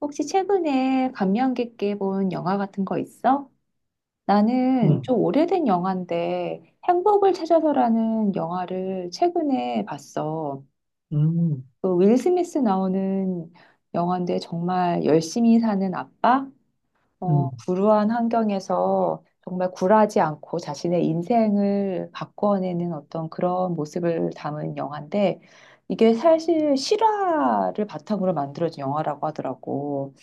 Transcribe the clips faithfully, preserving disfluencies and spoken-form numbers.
혹시 최근에 감명 깊게 본 영화 같은 거 있어? 나는 음, 좀 오래된 영화인데 행복을 찾아서라는 영화를 최근에 봤어. 음, 그 윌 스미스 나오는 영화인데 정말 열심히 사는 아빠, 어, 음, 불우한 환경에서 정말 굴하지 않고 자신의 인생을 바꿔내는 어떤 그런 모습을 담은 영화인데 이게 사실 실화를 바탕으로 만들어진 영화라고 하더라고.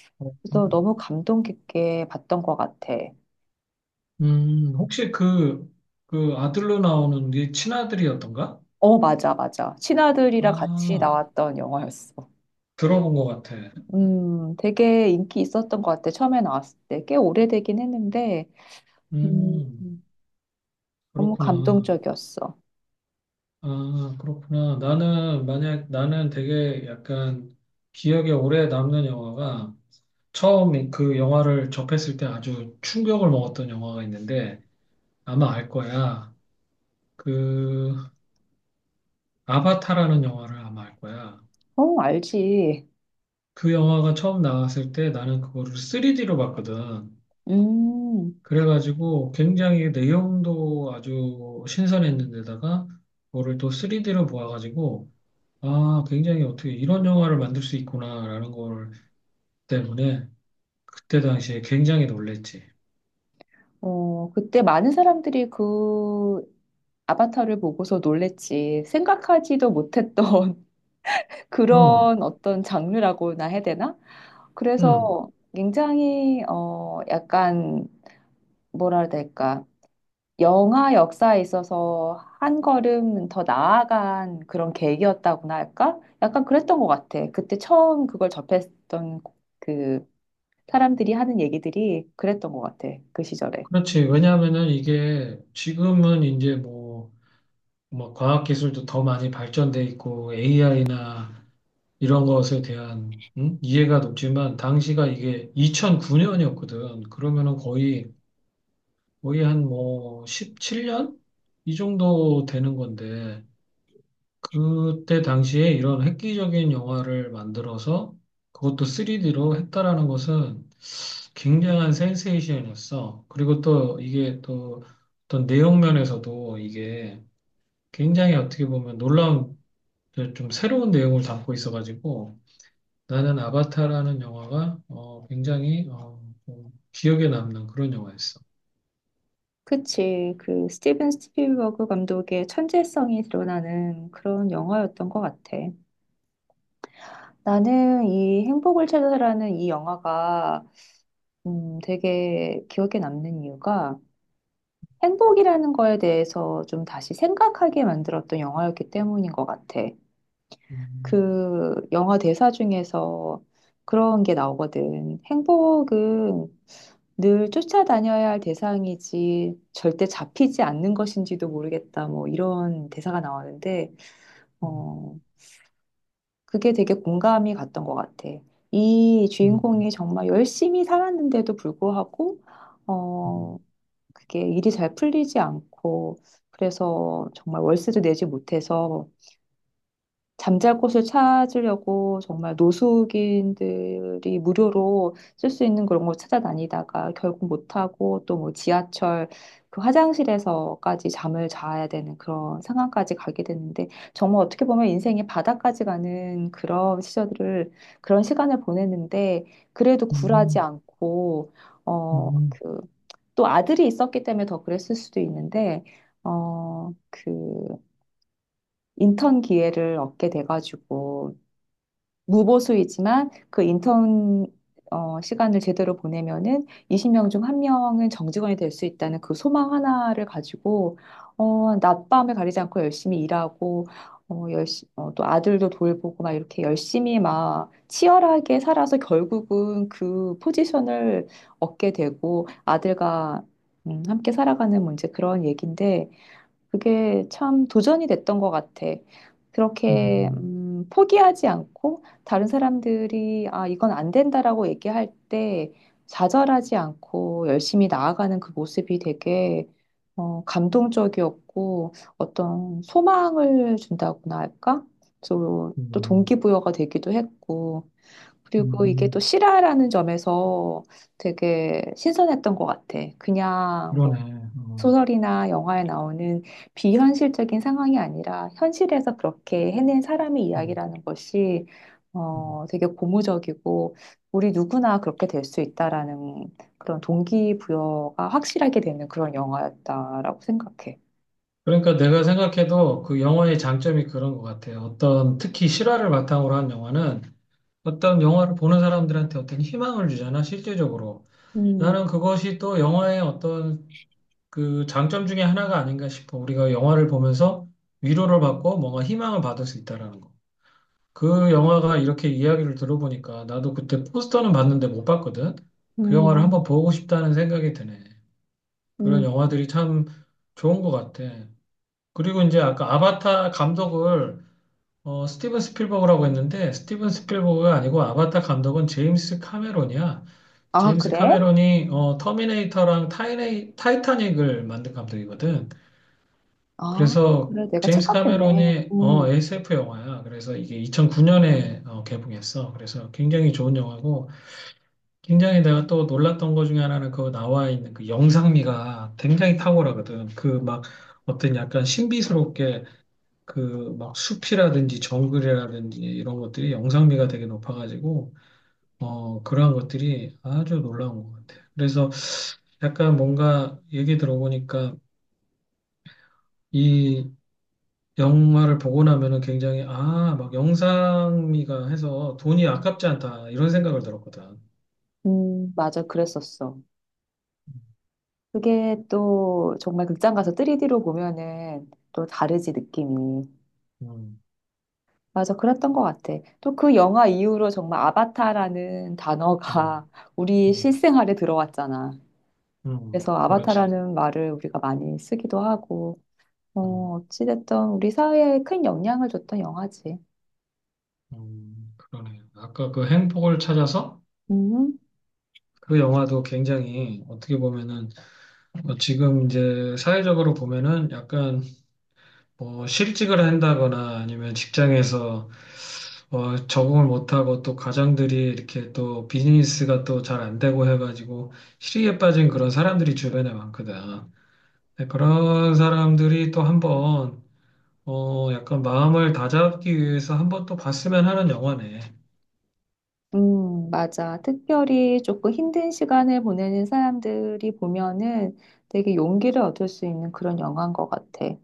그래서 음, 너무 감동 깊게 봤던 것 같아. 음, 혹시 그, 그 아들로 나오는 네 친아들이었던가? 어, 맞아, 맞아. 친아들이랑 같이 아, 나왔던 영화였어. 들어본 것 같아. 음, 되게 인기 있었던 것 같아. 처음에 나왔을 때. 꽤 오래되긴 했는데, 음, 음, 너무 그렇구나. 감동적이었어. 아, 그렇구나. 나는, 만약, 나는 되게 약간 기억에 오래 남는 영화가 처음 그 영화를 접했을 때 아주 충격을 먹었던 영화가 있는데 아마 알 거야. 그, 아바타라는 영화를 아마 알 거야. 어, 알지. 그 영화가 처음 나왔을 때 나는 그거를 쓰리디로 봤거든. 음, 그래가지고 굉장히 내용도 아주 신선했는데다가 그거를 또 쓰리디로 보아가지고 아, 굉장히 어떻게 이런 영화를 만들 수 있구나라는 걸 때문에 그때 당시에 굉장히 놀랬지. 어, 그때 많은 사람들이 그 아바타를 보고서 놀랬지. 생각하지도 못했던 응, 그런 어떤 장르라고나 해야 되나? 응, 그래서 굉장히, 어, 약간, 뭐라 해야 될까? 영화 역사에 있어서 한 걸음 더 나아간 그런 계기였다고나 할까? 약간 그랬던 것 같아. 그때 처음 그걸 접했던 그 사람들이 하는 얘기들이 그랬던 것 같아. 그 시절에. 그렇지. 왜냐하면은 이게 지금은 이제 뭐, 뭐 과학기술도 더 많이 발전돼 있고 에이아이나 이런 것에 대한 음? 이해가 높지만 당시가 이게 이천구 년이었거든. 그러면은 거의 거의 한 뭐 십칠 년 이 정도 되는 건데 그때 당시에 이런 획기적인 영화를 만들어서 그것도 쓰리디로 했다라는 것은 굉장한 센세이션이었어. 그리고 또 이게 또 어떤 내용 면에서도 이게 굉장히 어떻게 보면 놀라운 좀 새로운 내용을 담고 있어가지고 나는 아바타라는 영화가 어, 굉장히 어, 좀 기억에 남는 그런 영화였어. 그치. 그 스티븐 스필버그 감독의 천재성이 드러나는 그런 영화였던 것 같아. 나는 이 행복을 찾아라는 이 영화가 음, 되게 기억에 남는 이유가 행복이라는 거에 대해서 좀 다시 생각하게 만들었던 영화였기 때문인 것 같아. 음, 그 영화 대사 중에서 그런 게 나오거든. 행복은 늘 쫓아다녀야 할 대상이지 절대 잡히지 않는 것인지도 모르겠다. 뭐 이런 대사가 나오는데, 음, 어, 그게 되게 공감이 갔던 것 같아. 이 음, 주인공이 정말 열심히 살았는데도 불구하고, 어, 그게 일이 잘 풀리지 않고 그래서 정말 월세도 내지 못해서 잠잘 곳을 찾으려고 정말 노숙인들이 무료로 쓸 수 있는 그런 걸 찾아다니다가 결국 못하고 또 뭐 지하철 그 화장실에서까지 잠을 자야 되는 그런 상황까지 가게 되는데 정말 어떻게 보면 인생의 바닥까지 가는 그런 시절을 들 그런 시간을 보냈는데 그래도 굴하지 음, 않고 음, 어, 음, 그 또 아들이 있었기 때문에 더 그랬을 수도 있는데 어, 그 인턴 기회를 얻게 돼가지고 무보수이지만 그 인턴 어, 시간을 제대로 보내면은 이십 명 중 한 명은 정직원이 될 수 있다는 그 소망 하나를 가지고 어, 낮밤을 가리지 않고 열심히 일하고 어, 열시, 어, 또 아들도 돌보고 막 이렇게 열심히 막 치열하게 살아서 결국은 그 포지션을 얻게 되고 아들과 음, 함께 살아가는 문제 그런 얘기인데 그게 참 도전이 됐던 것 같아. 그렇게 음, 음, 포기하지 않고 다른 사람들이 아, 이건 안 된다라고 얘기할 때 좌절하지 않고 열심히 나아가는 그 모습이 되게 어, 감동적이었고 어떤 소망을 준다고나 할까? 또, 또 음, 동기부여가 되기도 했고 그리고 이게 또 음. 실화라는 점에서 되게 신선했던 것 같아. 그냥 뭐 그러네. 어, 소설이나 영화에 나오는 비현실적인 상황이 아니라 현실에서 그렇게 해낸 사람의 음, 이야기라는 것이 음. 어, 되게 고무적이고 우리 누구나 그렇게 될 수 있다라는 그런 동기부여가 확실하게 되는 그런 영화였다라고 생각해. 그러니까 내가 생각해도 그 영화의 장점이 그런 것 같아요. 어떤 특히 실화를 바탕으로 한 영화는 어떤 영화를 보는 사람들한테 어떤 희망을 주잖아, 실제적으로. 음, 나는 그것이 또 영화의 어떤 그 장점 중에 하나가 아닌가 싶어. 우리가 영화를 보면서 위로를 받고 뭔가 희망을 받을 수 있다라는 거. 그 영화가 이렇게 이야기를 들어보니까 나도 그때 포스터는 봤는데 못 봤거든. 그 영화를 음, 한번 보고 싶다는 생각이 드네. 그런 음. 영화들이 참 좋은 것 같아. 그리고 이제 아까 아바타 감독을 어, 스티븐 스필버그라고 했는데 스티븐 스필버그가 아니고 아바타 감독은 제임스 카메론이야. 아, 제임스 그래? 카메론이 어, 터미네이터랑 타이네, 타이타닉을 만든 감독이거든. 아, 그래서 그래. 내가 제임스 착각했네. 카메론이 어, 음, 에스에프 영화야. 그래서 이게 이천구 년에 개봉했어. 그래서 굉장히 좋은 영화고 굉장히 내가 또 놀랐던 것 중에 하나는 그 나와 있는 그 영상미가 굉장히 탁월하거든. 그 막 어떤 약간 신비스럽게 그 막 숲이라든지 정글이라든지 이런 것들이 영상미가 되게 높아가지고 어, 그러한 것들이 아주 놀라운 것 같아. 그래서 약간 뭔가 얘기 들어보니까 이 영화를 보고 나면은 굉장히 아, 막 영상미가 해서 돈이 아깝지 않다 이런 생각을 들었거든. 음, 맞아. 그랬었어. 그게 또 정말 극장 가서 쓰리디로 보면은 또 다르지, 느낌이. 음, 맞아, 그랬던 것 같아. 또 그 영화 이후로 정말 아바타라는 단어가 음, 우리 음, 실생활에 들어왔잖아. 음, 그래서 그렇지. 아바타라는 말을 우리가 많이 쓰기도 하고, 음, 어, 어찌됐든 우리 사회에 큰 영향을 줬던 영화지. 음. 그러네. 아까 그 행복을 찾아서 음, 그 영화도 굉장히 어떻게 보면은 어, 지금 이제 사회적으로 보면은 약간 뭐 실직을 한다거나 아니면 직장에서 어, 적응을 못하고 또 가장들이 이렇게 또 비즈니스가 또 잘 안 되고 해가지고 실의에 빠진 그런 사람들이 주변에 많거든. 근데 그런 사람들이 또 한번 어, 약간 마음을 다잡기 위해서 한번 또 봤으면 하는 영화네. 음, 맞아. 특별히 조금 힘든 시간을 보내는 사람들이 보면은 되게 용기를 얻을 수 있는 그런 영화인 것 같아.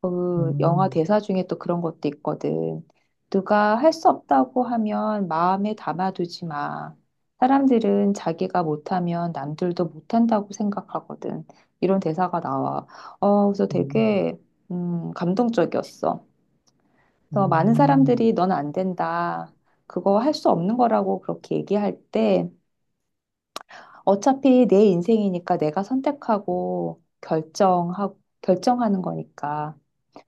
그 영화 음, 대사 중에 또 그런 것도 있거든. 누가 할 수 없다고 하면 마음에 담아두지 마. 사람들은 자기가 못하면 남들도 못한다고 생각하거든. 이런 대사가 나와. 어, 그래서 음, 되게, 음, 감동적이었어. 그래서 많은 음, 사람들이 넌 안 된다. 그거 할 수 없는 거라고 그렇게 얘기할 때, 어차피 내 인생이니까 내가 선택하고 결정하, 결정하는 거니까.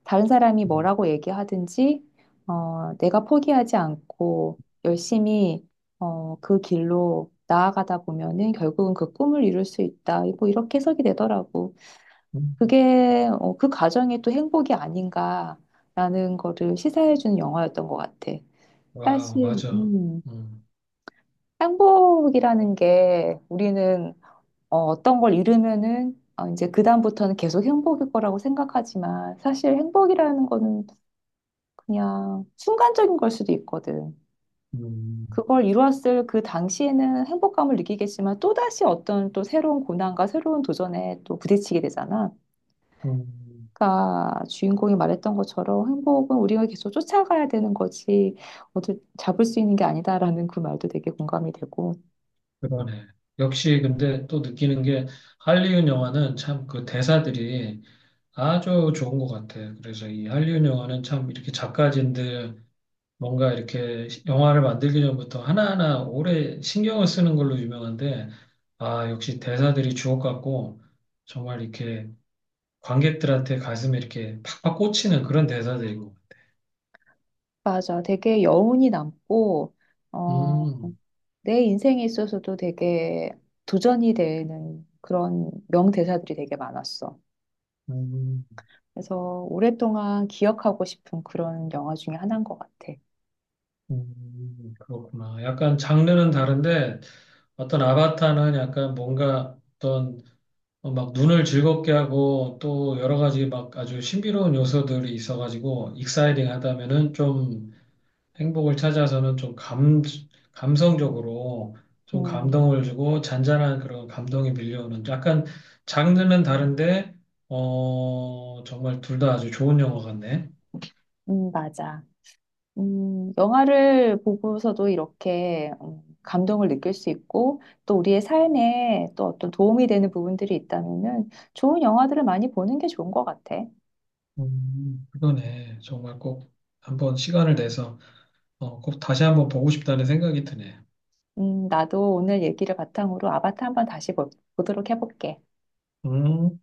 다른 사람이 음, 뭐라고 얘기하든지, 어, 내가 포기하지 않고 열심히, 어, 그 길로 나아가다 보면은 결국은 그 꿈을 이룰 수 있다. 뭐 이렇게 해석이 되더라고. 음. 그게, 어, 그 과정이 또 행복이 아닌가라는 거를 시사해주는 영화였던 것 같아. 와우, 사실, 맞아. 음, 음, 행복이라는 게 우리는 어, 어떤 걸 잃으면은 어, 이제 그다음부터는 계속 행복일 거라고 생각하지만 사실 행복이라는 거는 그냥 순간적인 걸 수도 있거든. 음, 그걸 이루었을 그 당시에는 행복감을 느끼겠지만 또다시 어떤 또 새로운 고난과 새로운 도전에 또 부딪히게 되잖아. 음, 그러니까 주인공이 말했던 것처럼 행복은 우리가 계속 쫓아가야 되는 거지 어디 잡을 수 있는 게 아니다라는 그 말도 되게 공감이 되고. 그러네. 역시 근데 또 느끼는 게 할리우드 영화는 참 그 대사들이 아주 좋은 것 같아요. 그래서 이 한류 영화는 참 이렇게 작가진들 뭔가 이렇게 영화를 만들기 전부터 하나하나 오래 신경을 쓰는 걸로 유명한데, 아, 역시 대사들이 주옥 같고, 정말 이렇게 관객들한테 가슴에 이렇게 팍팍 꽂히는 그런 대사들인 것 같아요. 맞아. 되게 여운이 남고 어, 음, 내 인생에 있어서도 되게 도전이 되는 그런 명대사들이 되게 많았어. 음, 그래서 오랫동안 기억하고 싶은 그런 영화 중에 하나인 것 같아. 음, 그렇구나. 약간 장르는 다른데, 어떤 아바타는 약간 뭔가 어떤 어, 막 눈을 즐겁게 하고 또 여러 가지 막 아주 신비로운 요소들이 있어가지고 익사이딩 하다면은 좀 행복을 찾아서는 좀 감, 감성적으로 좀 음, 감동을 주고 잔잔한 그런 감동이 밀려오는 약간 장르는 다른데 어 정말 둘 다 아주 좋은 영화 같네. 음, 맞아. 음, 영화를 보고서도 이렇게 음, 감동을 느낄 수 있고 또 우리의 삶에 또 어떤 도움이 되는 부분들이 있다면은 좋은 영화들을 많이 보는 게 좋은 것 같아. 음, 그러네 정말 꼭 한번 시간을 내서 어, 꼭 다시 한번 보고 싶다는 생각이 드네. 음, 나도 오늘 얘기를 바탕으로 아바타 한번 다시 보, 보도록 해볼게. 음.